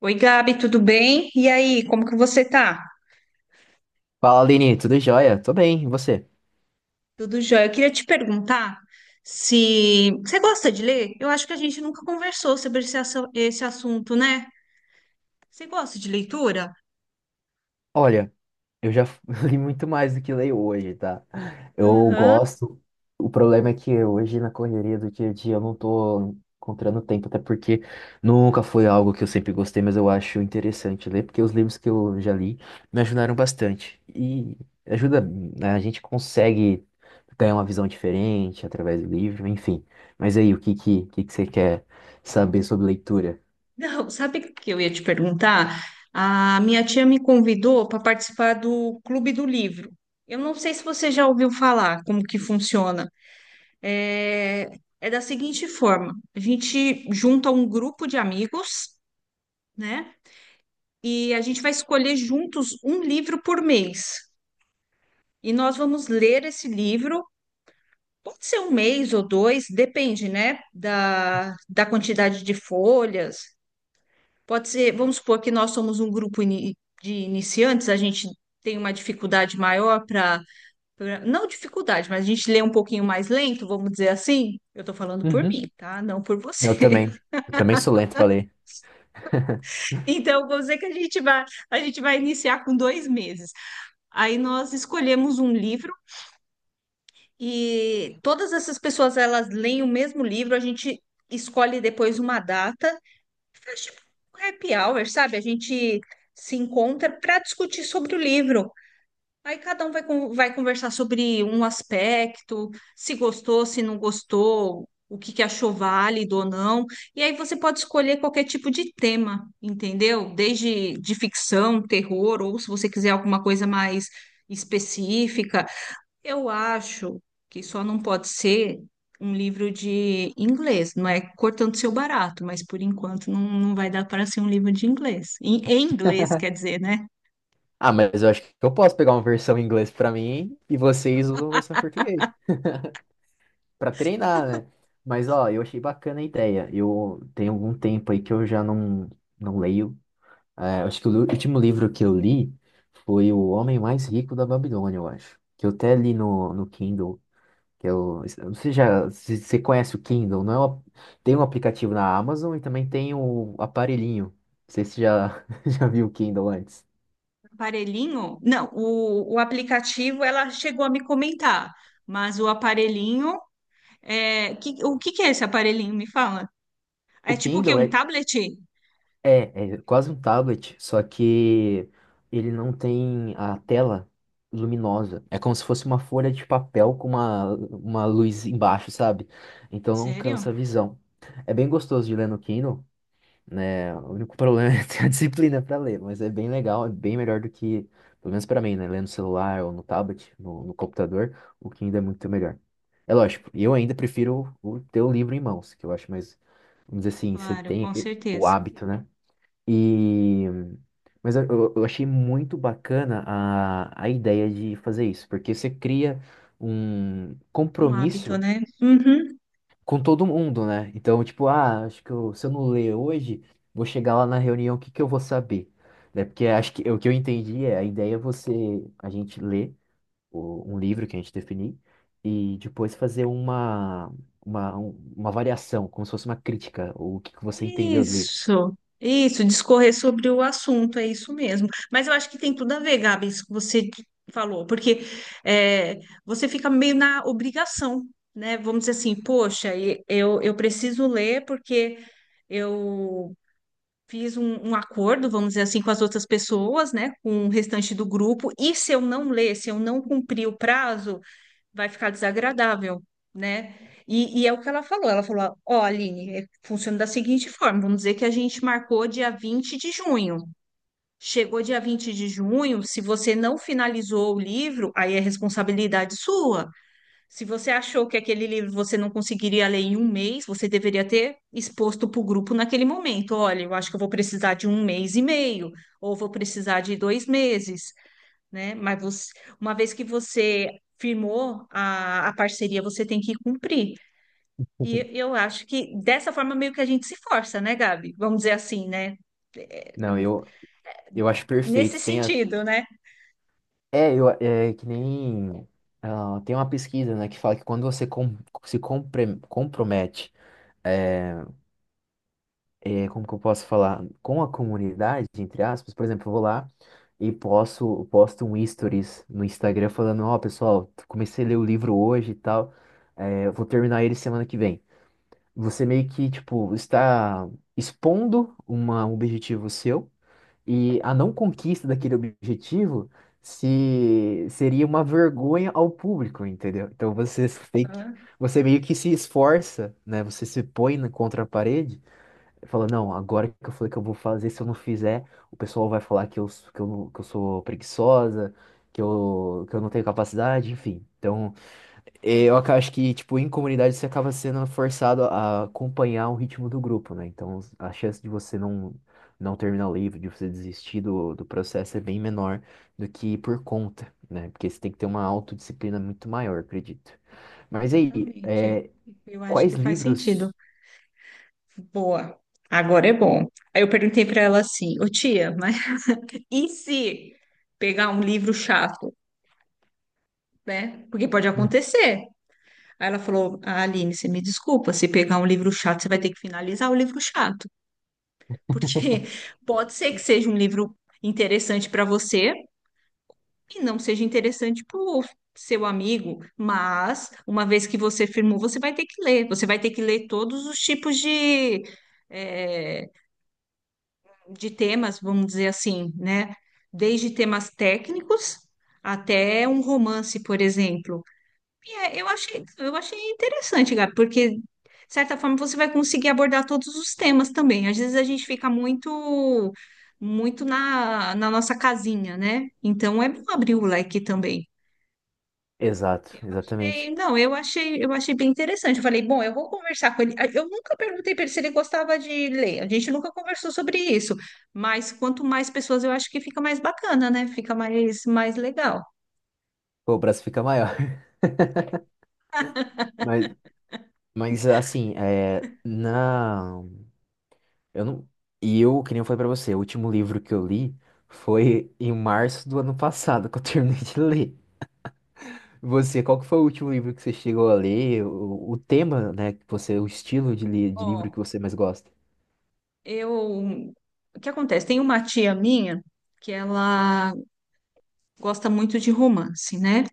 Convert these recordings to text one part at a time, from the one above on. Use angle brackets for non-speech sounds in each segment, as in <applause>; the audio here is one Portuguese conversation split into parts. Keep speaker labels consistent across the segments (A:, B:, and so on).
A: Oi, Gabi, tudo bem? E aí, como que você tá?
B: Fala, Aline, tudo jóia? Tô bem, e você?
A: Tudo jóia? Eu queria te perguntar se você gosta de ler? Eu acho que a gente nunca conversou sobre esse assunto, né? Você gosta de leitura?
B: Olha, eu já <laughs> li muito mais do que leio hoje, tá? Eu gosto. O problema é que hoje, na correria do dia a dia, eu não tô encontrando tempo, até porque nunca foi algo que eu sempre gostei, mas eu acho interessante ler, porque os livros que eu já li me ajudaram bastante. E ajuda, né? A gente consegue ter uma visão diferente através do livro, enfim. Mas aí, o que que você quer saber sobre leitura?
A: <laughs> Não, sabe o que eu ia te perguntar? A minha tia me convidou para participar do Clube do Livro. Eu não sei se você já ouviu falar como que funciona. É, é da seguinte forma: a gente junta um grupo de amigos, né? E a gente vai escolher juntos um livro por mês. E nós vamos ler esse livro, pode ser um mês ou dois, depende, né, da quantidade de folhas. Pode ser, vamos supor que nós somos um grupo de iniciantes, a gente tem uma dificuldade maior para, não dificuldade, mas a gente lê um pouquinho mais lento, vamos dizer assim. Eu estou falando por mim, tá? Não por
B: Eu
A: você.
B: também.
A: <laughs>
B: Eu também sou lento pra ler. <laughs>
A: Então, vamos dizer que a gente vai iniciar com 2 meses. Aí nós escolhemos um livro. E todas essas pessoas, elas leem o mesmo livro, a gente escolhe depois uma data, faz tipo um happy hour, sabe? A gente se encontra para discutir sobre o livro. Aí cada um vai conversar sobre um aspecto, se gostou, se não gostou, o que que achou válido ou não. E aí você pode escolher qualquer tipo de tema, entendeu? Desde de ficção, terror, ou se você quiser alguma coisa mais específica. Eu acho que só não pode ser um livro de inglês, não é cortando seu barato, mas por enquanto não, não vai dar para ser um livro de inglês. Em inglês, quer dizer, né?
B: Ah, mas eu acho que eu posso pegar uma versão em inglês pra mim e vocês usam a versão em português pra treinar, né? Mas ó, eu achei bacana a ideia. Eu tenho algum tempo aí que eu já não, não leio. É, acho que o último livro que eu li foi O Homem Mais Rico da Babilônia, eu acho. Que eu até li no Kindle. Que eu não sei já, se você conhece o Kindle, não é tem um aplicativo na Amazon e também tem o aparelhinho. Não sei se você já, <laughs> já viu o Kindle antes.
A: Aparelhinho? Não, o aplicativo ela chegou a me comentar, mas o aparelhinho, o que que é esse aparelhinho? Me fala.
B: O
A: É tipo o
B: Kindle
A: quê? Um
B: é,
A: tablet?
B: é, é quase um tablet, só que ele não tem a tela luminosa. É como se fosse uma folha de papel com uma luz embaixo, sabe? Então não cansa
A: Sério?
B: a visão. É bem gostoso de ler no Kindle, né? O único problema <laughs> é ter a disciplina para ler, mas é bem legal, é bem melhor do que, pelo menos para mim, né? Ler no celular ou no tablet, no computador, o que ainda é muito melhor. É lógico, eu ainda prefiro o ter o livro em mãos, que eu acho mais, vamos dizer assim, você
A: Claro,
B: tem
A: com
B: o
A: certeza.
B: hábito, né? E. Mas eu achei muito bacana a ideia de fazer isso, porque você cria um
A: Um hábito,
B: compromisso
A: né? Uhum.
B: com todo mundo, né? Então, tipo, ah, acho que se eu não ler hoje, vou chegar lá na reunião, o que que eu vou saber? Né? Porque acho que o que eu entendi é a ideia é você, a gente ler um livro que a gente definir e depois fazer uma variação, como se fosse uma crítica, o que que você entendeu do livro.
A: Isso, discorrer sobre o assunto, é isso mesmo. Mas eu acho que tem tudo a ver, Gabi, isso que você falou, porque é, você fica meio na obrigação, né? Vamos dizer assim, poxa, eu preciso ler porque eu fiz um acordo, vamos dizer assim, com as outras pessoas, né? Com o restante do grupo, e se eu não ler, se eu não cumprir o prazo vai ficar desagradável, né? E é o que ela falou. Ela falou: Ó, Aline, funciona da seguinte forma: vamos dizer que a gente marcou dia 20 de junho. Chegou dia 20 de junho, se você não finalizou o livro, aí é responsabilidade sua. Se você achou que aquele livro você não conseguiria ler em um mês, você deveria ter exposto para o grupo naquele momento. Olha, eu acho que eu vou precisar de 1 mês e meio, ou vou precisar de 2 meses, né? Mas uma vez que você firmou a parceria, você tem que cumprir. E
B: <laughs>
A: eu acho que dessa forma meio que a gente se força, né, Gabi? Vamos dizer assim, né?
B: Não, eu acho
A: Nesse
B: perfeito.
A: sentido, né?
B: É, é que nem. Ah, tem uma pesquisa, né, que fala que quando você se compromete. eh, É, como que eu posso falar, com a comunidade, entre aspas, por exemplo, eu vou lá e posto um stories no Instagram falando, ó, pessoal, comecei a ler o livro hoje e tal, é, eu vou terminar ele semana que vem. Você meio que, tipo, está expondo uma, um objetivo seu e a não conquista daquele objetivo se seria uma vergonha ao público, entendeu? Então tem que,
A: Ah,
B: você meio que se esforça, né? Você se põe contra a parede. Fala, não, agora que eu falei que eu vou fazer, se eu não fizer, o pessoal vai falar que eu sou preguiçosa, que eu não tenho capacidade, enfim. Então, eu
A: é,
B: acho que, tipo, em comunidade você acaba sendo forçado a acompanhar o ritmo do grupo, né? Então, a chance de você não terminar o livro, de você desistir do processo é bem menor do que por conta, né? Porque você tem que ter uma autodisciplina muito maior, acredito. Mas aí,
A: exatamente. Eu acho
B: quais
A: que faz sentido.
B: livros...
A: Boa. Agora é bom. Aí eu perguntei para ela assim, ô tia, mas <laughs> e se pegar um livro chato, né? Porque pode
B: <laughs> Hum.
A: acontecer. Aí ela falou: "Ah, Aline, você me desculpa, se pegar um livro chato, você vai ter que finalizar o livro chato, porque <laughs> pode ser que seja um livro interessante para você e não seja interessante para o seu amigo, mas uma vez que você firmou, você vai ter que ler, você vai ter que ler todos os tipos eh, de temas, vamos dizer assim, né? Desde temas técnicos até um romance, por exemplo. É, eu achei interessante, Gabi, porque, de certa forma, você vai conseguir abordar todos os temas também. Às vezes a gente fica muito, muito na nossa casinha, né? Então é bom abrir o leque também.
B: Exato, exatamente.
A: Não, eu achei bem interessante. Eu falei, bom, eu vou conversar com ele. Ah, eu nunca perguntei para ele se ele gostava de ler. A gente nunca conversou sobre isso. Mas quanto mais pessoas, eu acho que fica mais bacana, né? Fica mais legal.
B: Pô, o braço fica maior. <laughs> Mas, mas assim, é, na, eu não, que nem eu falei pra você, o último livro que eu li foi em março do ano passado, que eu <laughs> terminei de ler. Você, qual que foi o último livro que você chegou a ler? O tema, né, que você, o estilo de livro que
A: Ó,
B: você mais gosta?
A: Eu, o que acontece? Tem uma tia minha que ela gosta muito de romance, né?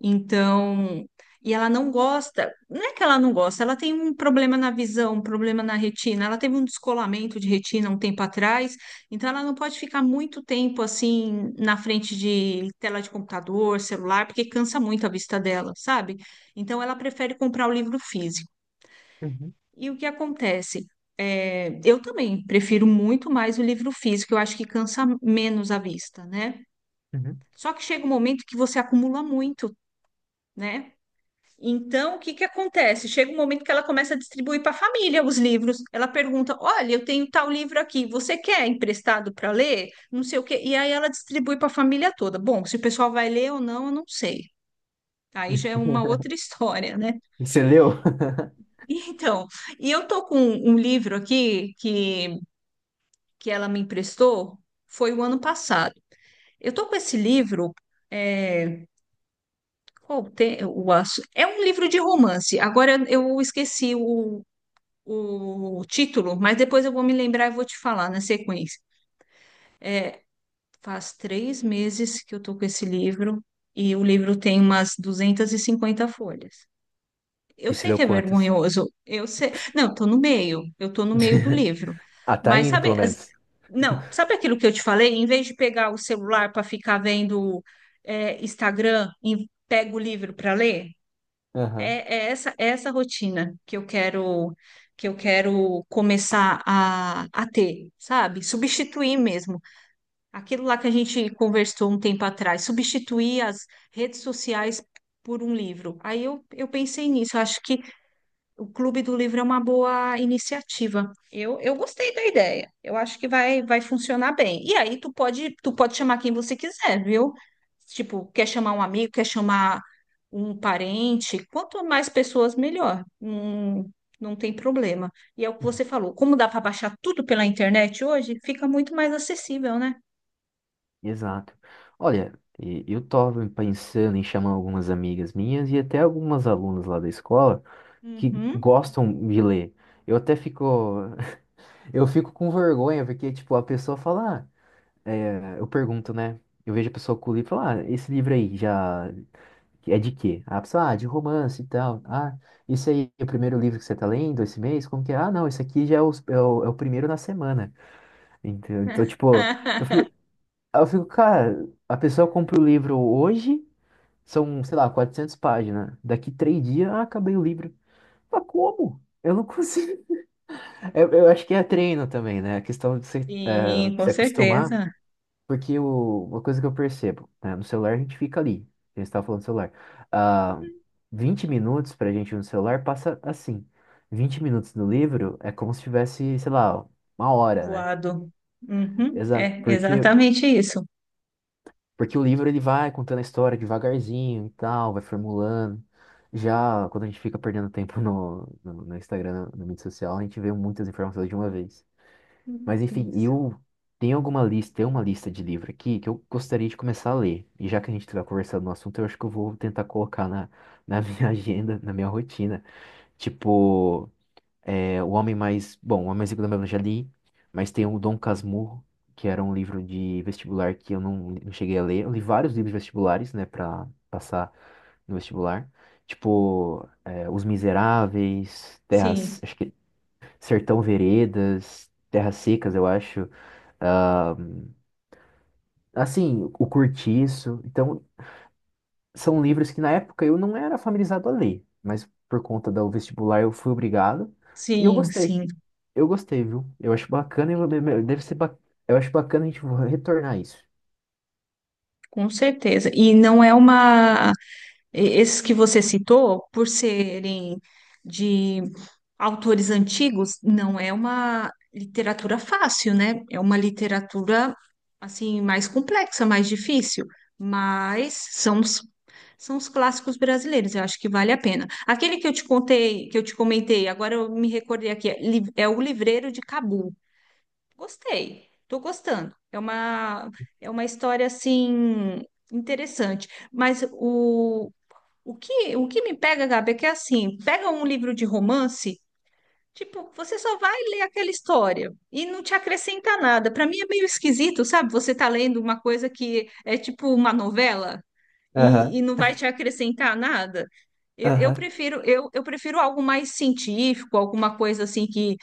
A: Então, e ela não gosta, não é que ela não gosta, ela tem um problema na visão, um problema na retina. Ela teve um descolamento de retina um tempo atrás, então ela não pode ficar muito tempo assim na frente de tela de computador, celular, porque cansa muito a vista dela, sabe? Então ela prefere comprar o livro físico.
B: Uhum,
A: E o que acontece? É, eu também prefiro muito mais o livro físico, eu acho que cansa menos a vista, né?
B: uhum.
A: Só que chega um momento que você acumula muito, né? Então, o que que acontece? Chega um momento que ela começa a distribuir para a família os livros. Ela pergunta: Olha, eu tenho tal livro aqui, você quer emprestado para ler? Não sei o quê. E aí ela distribui para a família toda. Bom, se o pessoal vai ler ou não, eu não sei. Aí já é uma outra <laughs> história, né?
B: Você leu?
A: Então, e eu tô com um livro aqui que ela me emprestou foi o ano passado. Eu estou com esse livro. É, qual tem, o, assu- é um livro de romance. Agora eu esqueci o título, mas depois eu vou me lembrar e vou te falar na sequência. Faz 3 meses que eu estou com esse livro e o livro tem umas 250 folhas.
B: <laughs>
A: Eu
B: E você
A: sei
B: leu
A: que é
B: quantos?
A: vergonhoso, eu sei. Não, tô no meio, eu tô no meio do
B: <laughs>
A: livro.
B: Ah, tá
A: Mas
B: indo,
A: sabe,
B: pelo menos.
A: não, sabe aquilo que eu te falei? Em vez de pegar o celular para ficar vendo Instagram e pega o livro para ler,
B: Aham.
A: é, é essa rotina que eu quero começar a ter, sabe? Substituir mesmo. Aquilo lá que a gente conversou um tempo atrás, substituir as redes sociais por um livro. Aí eu pensei nisso, eu acho que o Clube do Livro é uma boa iniciativa. Eu gostei da ideia. Eu acho que vai funcionar bem. E aí tu pode chamar quem você quiser, viu? Tipo, quer chamar um amigo, quer chamar um parente. Quanto mais pessoas, melhor. Não tem problema. E é o que você falou. Como dá para baixar tudo pela internet hoje, fica muito mais acessível, né?
B: Exato. Olha, eu estava pensando em chamar algumas amigas minhas e até algumas alunas lá da escola que
A: Uhum.
B: gostam de ler. Eu até fico, <laughs> eu fico com vergonha, porque, tipo, a pessoa fala, ah, é, eu pergunto, né? Eu vejo a pessoa com o livro e falo, ah, esse livro aí já é de quê? A pessoa, ah, de romance e tal. Ah, esse aí é o primeiro livro que você tá lendo esse mês? Como que é? Ah, não, esse aqui já é o primeiro na semana. Então, tipo, eu fico,
A: <laughs>
B: aí eu fico, cara, a pessoa compra o livro hoje, são, sei lá, 400 páginas. Daqui 3 dias, ah, acabei o livro. Mas como? Eu não consigo. <laughs> Eu acho que é treino também, né? A questão de se, eh,
A: Sim, com
B: se acostumar,
A: certeza.
B: porque uma coisa que eu percebo, né? No celular a gente fica ali. A gente estava falando do celular. Ah, 20 minutos pra gente no celular passa assim. 20 minutos no livro é como se tivesse, sei lá, uma hora, né?
A: Voado. Uhum.
B: Exato,
A: É
B: porque
A: exatamente isso.
B: Porque o livro ele vai contando a história devagarzinho e tal, vai formulando. Já quando a gente fica perdendo tempo no Instagram, na mídia social, a gente vê muitas informações de uma vez. Mas enfim,
A: Isso.
B: eu tenho alguma lista, tem uma lista de livro aqui que eu gostaria de começar a ler. E já que a gente está conversando no assunto, eu acho que eu vou tentar colocar na <laughs> minha agenda, na minha rotina. Tipo, é, o homem mais. Bom, o Homem Mais Rico da Babilônia eu já li, mas tem o Dom Casmurro, que era um livro de vestibular que eu não cheguei a ler. Eu li vários livros vestibulares, né, pra passar no vestibular. Tipo, é, Os Miseráveis, Terras.
A: Sim,
B: Acho que Sertão Veredas, Terras Secas, eu acho. Ah, assim, O Cortiço. Então, são livros que na época eu não era familiarizado a ler, mas por conta do vestibular eu fui obrigado. E eu
A: sim,
B: gostei.
A: sim,
B: Eu gostei, viu? Eu acho bacana e eu- deve ser ba... Eu acho bacana a gente retornar isso.
A: com certeza. E não é uma. Esses que você citou, por serem de autores antigos, não é uma literatura fácil, né? É uma literatura, assim, mais complexa, mais difícil, mas são os clássicos brasileiros, eu acho que vale a pena. Aquele que eu te contei, que eu te comentei, agora eu me recordei aqui, é O Livreiro de Cabu. Gostei, tô gostando. É uma história assim interessante. Mas o que me pega, Gabi, é que assim, pega um livro de romance, tipo, você só vai ler aquela história e não te acrescenta nada. Para mim é meio esquisito, sabe? Você tá lendo uma coisa que é tipo uma novela e,
B: Aham,
A: e não vai te acrescentar nada. Eu, eu
B: aham.
A: prefiro eu, eu prefiro algo mais científico, alguma coisa assim que,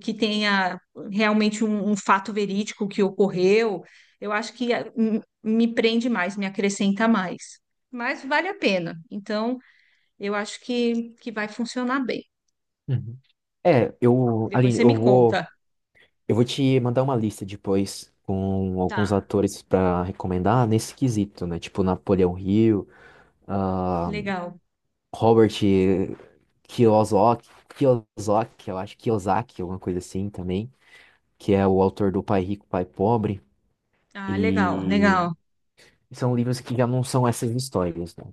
A: que tenha realmente um fato verídico que ocorreu. Eu acho que me prende mais, me acrescenta mais. Mas vale a pena. Então, eu acho que vai funcionar bem.
B: Uhum. É,
A: Depois
B: Aline,
A: você
B: eu
A: me
B: vou,
A: conta.
B: eu vou te mandar uma lista depois com alguns
A: Tá.
B: atores pra recomendar nesse quesito, né? Tipo Napoleão Hill, ah,
A: Legal.
B: Robert Kiyosaki, Kiyosaki, eu acho Kiyosaki, alguma coisa assim também, que é o autor do Pai Rico, Pai Pobre,
A: Ah, legal,
B: e
A: legal,
B: são livros que já não são essas histórias, né?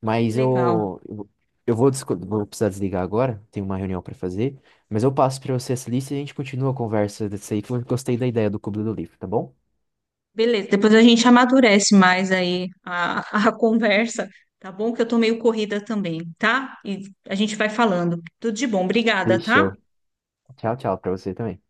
B: Mas
A: legal.
B: eu vou precisar desligar agora, tenho uma reunião para fazer, mas eu passo para você essa lista e a gente continua a conversa desse aí, que eu gostei da ideia do Clube do Livro, tá bom?
A: Beleza, depois a gente amadurece mais aí a <laughs> conversa, tá bom? Que eu tô meio corrida também, tá? E a gente vai falando. Tudo de bom, obrigada, tá?
B: Fechou. Tchau, tchau para você também.